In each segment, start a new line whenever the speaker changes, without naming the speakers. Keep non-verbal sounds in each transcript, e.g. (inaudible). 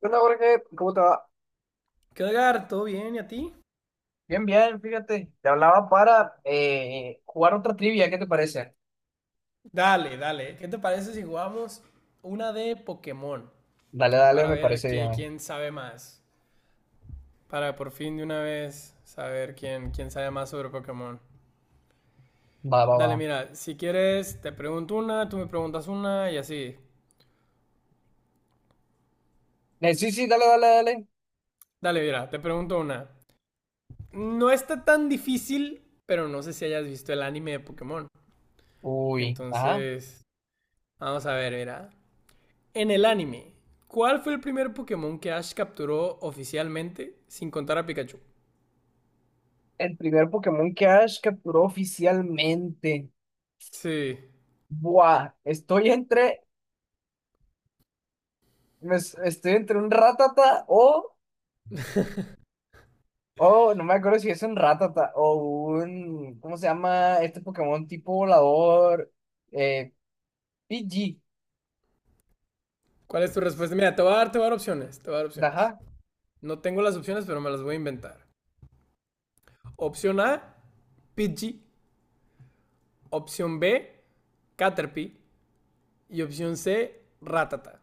¿Qué onda, Jorge? ¿Cómo te va?
¿Qué onda, Edgar? ¿Todo bien? ¿Y a ti?
Bien, bien, fíjate, te hablaba para jugar otra trivia, ¿qué te parece?
Dale, dale. ¿Qué te parece si jugamos una de Pokémon?
Dale, dale,
Para
me
ver
parece bien.
quién sabe más. Para por fin de una vez saber quién sabe más sobre Pokémon.
Va, va, va.
Dale, mira, si quieres te pregunto una, tú me preguntas una y así.
Sí, sí, dale, dale, dale.
Dale, mira, te pregunto una. No está tan difícil, pero no sé si hayas visto el anime de Pokémon.
Uy, ajá.
Entonces, vamos a ver, mira. En el anime, ¿cuál fue el primer Pokémon que Ash capturó oficialmente sin contar a Pikachu?
El primer Pokémon que Ash capturó oficialmente.
Sí.
Buah, estoy entre un Ratata o no me acuerdo si es un Ratata o un, ¿cómo se llama este Pokémon tipo volador? Eh, PG.
¿Cuál es tu respuesta? Mira, te voy a dar opciones. Te voy a dar opciones.
Ajá,
No tengo las opciones, pero me las voy a inventar. Opción A, Pidgey. Opción B, Caterpie. Y opción C, Rattata.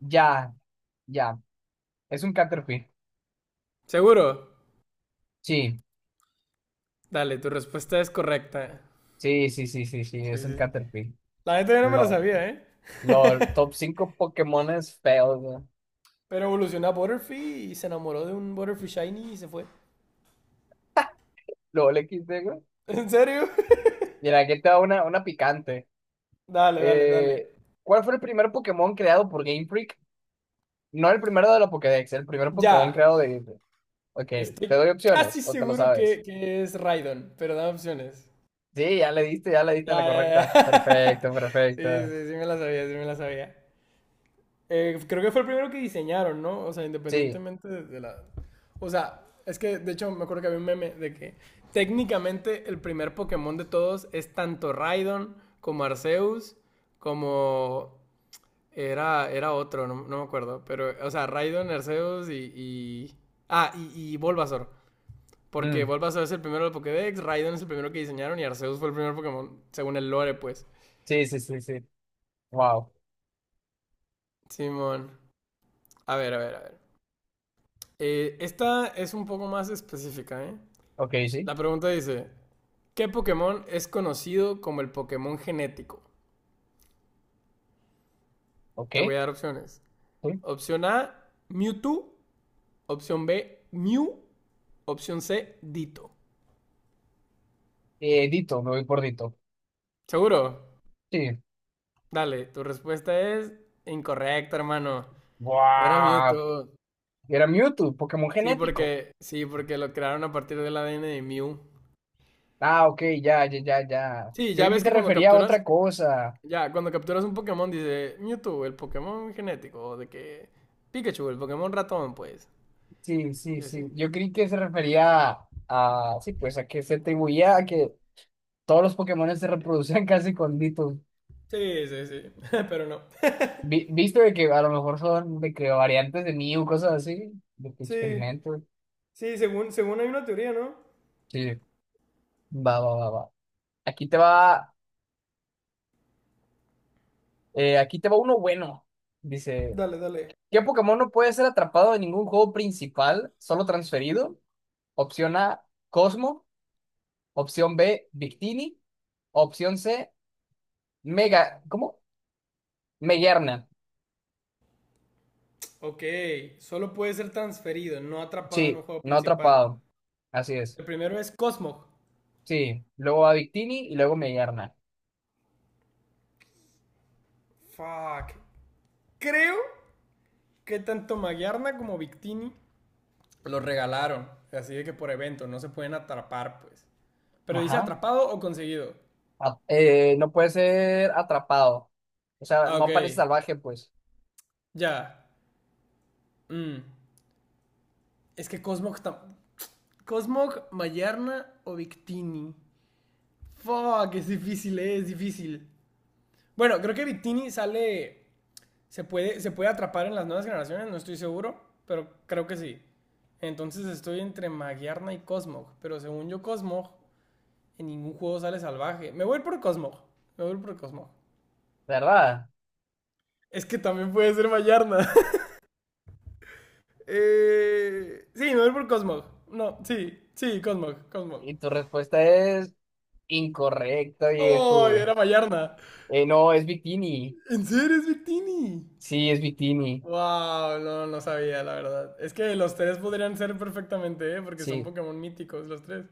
ya, ya. Es un Caterpie.
¿Seguro?
Sí,
Dale, tu respuesta es correcta.
sí, sí, sí, sí, sí,
Sí,
es un
sí.
Caterpie.
La neta yo no me la
LOL.
sabía, ¿eh?
LOL. Top 5 Pokémones feos, güey.
Pero evolucionó a Butterfree y se enamoró de un Butterfree Shiny y se fue.
LOL XD, güey.
¿En serio? (laughs)
Mira, aquí te da una picante.
Dale, dale, dale.
Eh, ¿Cuál fue el primer Pokémon creado por Game Freak? No el primero de la Pokédex, el primer Pokémon
Ya,
creado de Game Freak. Ok, te
estoy
doy
casi
opciones o te lo
seguro
sabes.
que es Raidon, pero dame opciones.
Sí, ya le diste en la
Ya, ya, ya.
correcta. Perfecto,
(laughs) Sí,
perfecto.
sí, sí me la sabía, sí me la sabía. Creo que fue el primero que diseñaron, ¿no? O sea,
Sí,
independientemente de la... O sea, es que de hecho me acuerdo que había un meme de que técnicamente el primer Pokémon de todos es tanto Raidon como Arceus, como... Era otro, no, no me acuerdo. Pero, o sea, Raidon, Arceus y... Ah, y Bulbasaur. Porque
mm,
Bulbasaur es el primero del Pokédex, Raidon es el primero que diseñaron y Arceus fue el primer Pokémon, según el lore, pues.
sí, sí, sí, sí. Wow.
Simón. A ver, a ver, a ver. Esta es un poco más específica, ¿eh?
Ok, sí,
La pregunta dice, ¿qué Pokémon es conocido como el Pokémon genético?
ok.
Te voy a dar opciones.
Sí.
Opción A, Mewtwo. Opción B, Mew. Opción C, Ditto.
Dito, me voy por Dito.
¿Seguro?
Sí.
Dale, tu respuesta es incorrecta, hermano. Era
Wow,
Mewtwo.
era Mewtwo, Pokémon genético.
Sí, porque lo crearon a partir del ADN de Mew.
Ah, ok, ya, ya, ya, ya.
Sí,
Yo
ya
creí que
ves
se
que cuando
refería a otra
capturas,
cosa.
ya, cuando capturas un Pokémon dice Mewtwo, el Pokémon genético, o de que Pikachu, el Pokémon ratón, pues.
Sí, sí,
Y así.
sí. Yo creí que se refería sí, pues a que se atribuía a que todos los Pokémon se reproducían (laughs) casi con Ditto.
Sí, sí, sí, (laughs) pero no.
Visto de que a lo mejor son, me creo, variantes de Mew, cosas así, de que
Sí,
experimento.
sí, según, según hay una teoría, ¿no?
Sí, va, va, va, va. Aquí te va, aquí te va uno bueno. Dice,
Dale, dale.
¿qué Pokémon no puede ser atrapado en ningún juego principal, solo transferido? Opción A, Cosmo. Opción B, Victini. Opción C, Mega. ¿Cómo? Meguerna.
Ok, solo puede ser transferido, no atrapado en un
Sí,
juego
no
principal.
atrapado. Así es.
El primero es Cosmog.
Sí, luego a Victini y luego Meguerna.
Fuck. Creo que tanto Magiarna como Victini los regalaron. Así de que por evento, no se pueden atrapar, pues. Pero dice
Ajá.
atrapado o conseguido.
No puede ser atrapado. O sea,
Ah, ok.
no parece salvaje, pues.
Ya. Mm. Es que Cosmog está. Cosmog, Mayarna o Victini. Fuck, es difícil, es difícil. Bueno, creo que Victini sale. Se puede atrapar en las nuevas generaciones, no estoy seguro, pero creo que sí. Entonces estoy entre Magyarna y Cosmog. Pero según yo, Cosmog, en ningún juego sale salvaje. Me voy por Cosmog. Me voy por Cosmog.
¿Verdad?
Es que también puede ser Vallarna. (laughs) Sí, me voy por Cosmog. No, sí, sí, Cosmog, Cosmog.
Y tu respuesta es incorrecta, viejo,
No,
güey.
era Vallarna.
No, es Victini.
¿En serio es Victini?
Sí, es Victini.
Wow, no, no sabía, la verdad. Es que los tres podrían ser perfectamente, ¿eh?, porque son
Sí.
Pokémon míticos los tres.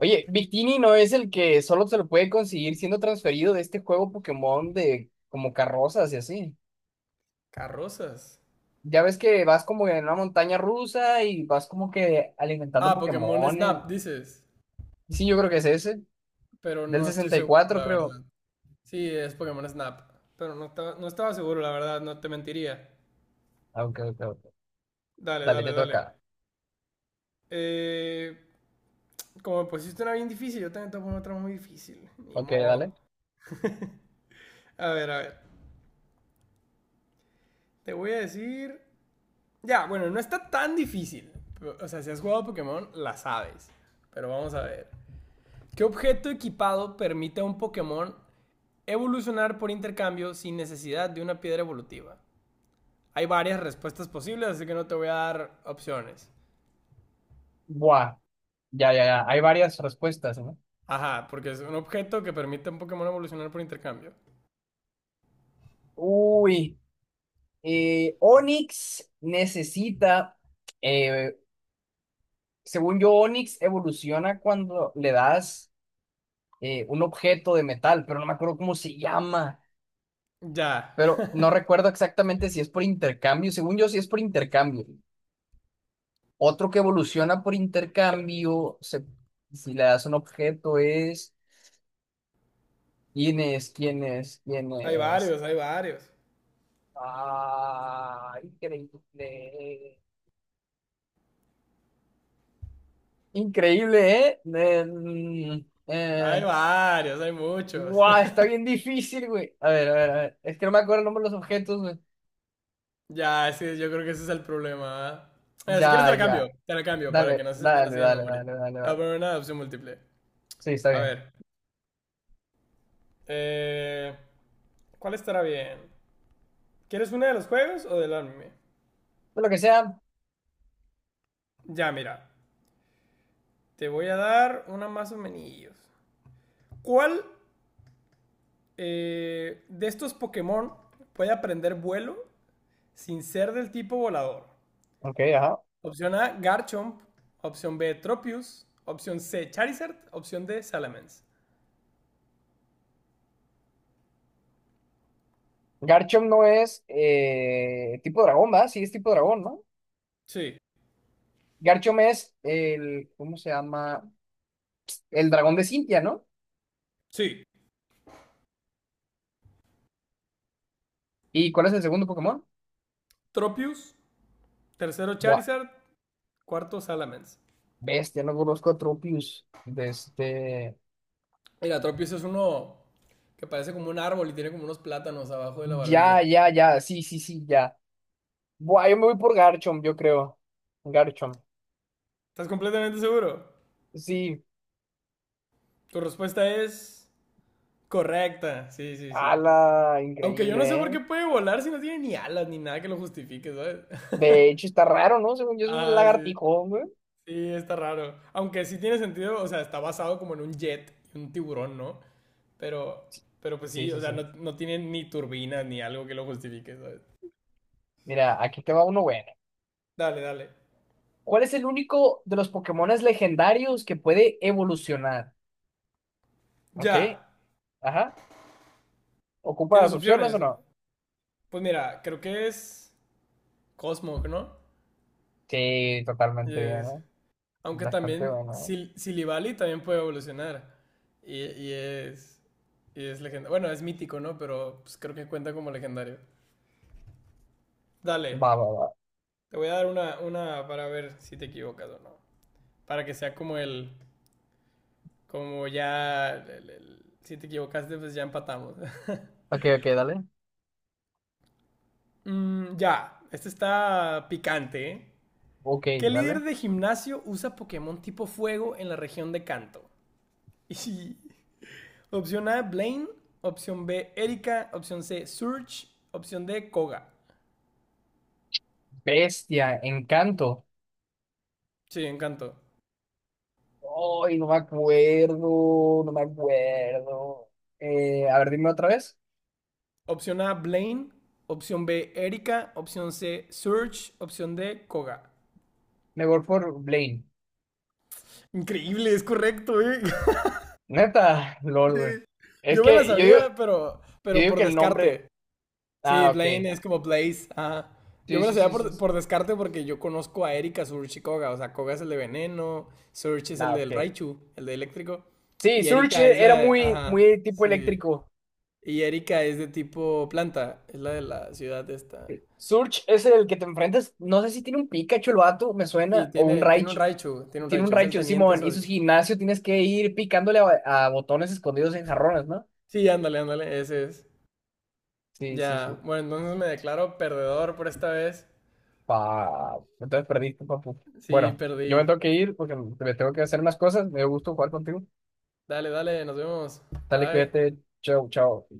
Oye, Victini no es el que solo se lo puede conseguir siendo transferido de este juego Pokémon de como carrozas y así.
Carrozas.
Ya ves que vas como en una montaña rusa y vas como que alimentando
Ah, Pokémon
Pokémones.
Snap, dices.
Sí, yo creo que es ese.
Pero
Del
no estoy seguro,
64,
la verdad.
creo.
Sí, es Pokémon Snap. Pero no estaba seguro, la verdad, no te mentiría.
Ah, ok, ok, ok.
Dale,
Dale,
dale,
te
dale.
toca.
Eh, Como me pusiste una bien difícil, yo también te voy a poner otra muy difícil. Ni
Ok,
modo.
dale.
A ver, a ver. Te voy a decir. Ya, bueno, no está tan difícil. O sea, si has jugado Pokémon, la sabes. Pero vamos a ver. ¿Qué objeto equipado permite a un Pokémon evolucionar por intercambio sin necesidad de una piedra evolutiva? Hay varias respuestas posibles, así que no te voy a dar opciones.
Buah. Ya, ya, ya. Hay varias respuestas, ¿no?
Ajá, porque es un objeto que permite a un Pokémon evolucionar por intercambio.
Uy. Onix necesita. eh, Según yo, Onix evoluciona cuando le das un objeto de metal, pero no me acuerdo cómo se llama.
Ya.
Pero no
(laughs)
recuerdo exactamente si es por intercambio. Según yo, sí es por intercambio. Otro que evoluciona por intercambio, se- si le das un objeto, es. ¿Quién es? ¿Quién es? ¿Quién
Hay
es?
varios, hay varios.
Ah, increíble. Increíble, ¿eh?
Hay
Eh,
varios, hay muchos.
Guau, está
(laughs)
bien difícil, güey. A ver, a ver, a ver. Es que no me acuerdo el nombre de los objetos, güey.
Ya, es que yo creo que ese es el problema. Ah, si quieres te
Ya,
la cambio,
ya.
te la cambio para que
Dale,
no se tan
dale,
así de
dale,
memoria.
dale, dale,
Te voy a
dale.
poner una opción múltiple.
Sí, está
A
bien.
ver, eh, ¿cuál estará bien? ¿Quieres una de los juegos o del anime?
Pues lo que sea.
Ya, mira, te voy a dar una más o menos. ¿Cuál de estos Pokémon puede aprender vuelo sin ser del tipo volador?
Ok, ajá.
Opción A, Garchomp. Opción B, Tropius. Opción C, Charizard. Opción D, Salamence.
Garchomp no es tipo dragón, ¿va? Sí, es tipo dragón, ¿no?
Sí,
Garchomp es el, ¿cómo se llama? El dragón de Cintia, ¿no?
sí.
¿Y cuál es el segundo Pokémon?
Tropius. Tercero,
Buah,
Charizard. Cuarto, Salamence.
bestia, no conozco a Tropius. De este...
Mira, Tropius es uno que parece como un árbol y tiene como unos plátanos abajo de la
Ya,
barbilla.
ya, ya, sí, sí, sí, ya. Buah, yo me voy por Garchomp, yo creo. Garchomp.
¿Estás completamente seguro?
Sí,
Tu respuesta es correcta. Sí, sí, sí.
ala,
Aunque yo
increíble,
no sé por
¿eh?
qué puede volar si no tiene ni alas ni nada que lo justifique, ¿sabes? (laughs)
De hecho, está raro, ¿no? Según yo, es un
Ah, sí.
lagartijón, güey.
Sí, está raro. Aunque sí tiene sentido, o sea, está basado como en un jet y un tiburón, ¿no? Pero, pero pues
Sí,
sí, o
sí,
sea,
sí.
no, no tiene ni turbinas ni algo que lo justifique, ¿sabes?
Mira, aquí te va uno bueno.
Dale, dale.
¿Cuál es el único de los Pokémones legendarios que puede evolucionar? ¿Ok?
Ya.
Ajá. ¿Ocupa
¿Tienes
las opciones o
opciones?
no?
Pues mira, creo que es Cosmog, ¿no?
Sí, totalmente bien,
Es-
¿eh?
Aunque
Bastante
también
bueno.
Silivali también puede evolucionar. Y, y es. Y es legendario. Bueno, es mítico, ¿no? Pero pues, creo que cuenta como legendario.
¿Eh?
Dale.
Va, va, va.
Te voy a dar una para ver si te equivocas o no. Para que sea como el, como ya, si te equivocaste, pues ya empatamos. (laughs)
Ok, ok, dale.
Mm, ya, este está picante, ¿eh?
Ok,
¿Qué líder
dale.
de gimnasio usa Pokémon tipo fuego en la región de Kanto? (laughs) Opción A, Blaine. Opción B, Erika. Opción C, Surge. Opción D, Koga.
Bestia, Encanto.
Sí, en Kanto.
Ay, no me acuerdo, no me acuerdo. A ver, dime otra vez.
Opción A, Blaine. Opción B, Erika. Opción C, Surge. Opción D, Koga.
Me voy por Blaine.
Increíble, es correcto, ¿eh? (laughs)
Neta, (laughs)
Sí.
lol, güey. Es
Yo me la
que
sabía,
yo
pero
digo
por
que el nombre.
descarte. Sí,
Ah, ok.
Blaine es como Blaze. Ajá. Yo
Sí,
me la
sí,
sabía
sí, sí,
por
sí.
descarte porque yo conozco a Erika, Surge y Koga. O sea, Koga es el de Veneno, Surge es el
Nah, ok.
del Raichu, el de Eléctrico.
Sí,
Y Erika es
Surge
la...
era
de...
muy,
Ajá,
muy tipo
sí.
eléctrico.
Y Erika es de tipo planta, es la de la ciudad esta.
Surge es el que te enfrentas. No sé si tiene un Pikachu el vato, me
Sí,
suena, o un
tiene un
Raichu.
Raichu, tiene un
Tiene un
Raichu. Es el
Raichu,
Teniente
Simón, y su
Surge.
gimnasio tienes que ir picándole a botones escondidos en jarrones, ¿no?
Sí, ándale, ándale, ese es.
Sí, sí,
Ya,
su.
bueno, entonces me declaro perdedor por esta vez.
Pa... Entonces perdiste, papu.
Sí,
Bueno,
perdí.
yo me tengo que ir porque me tengo que hacer más cosas. Me dio gusto jugar contigo.
Dale, dale, nos vemos.
Dale,
Bye.
cuídate. Chao, chao.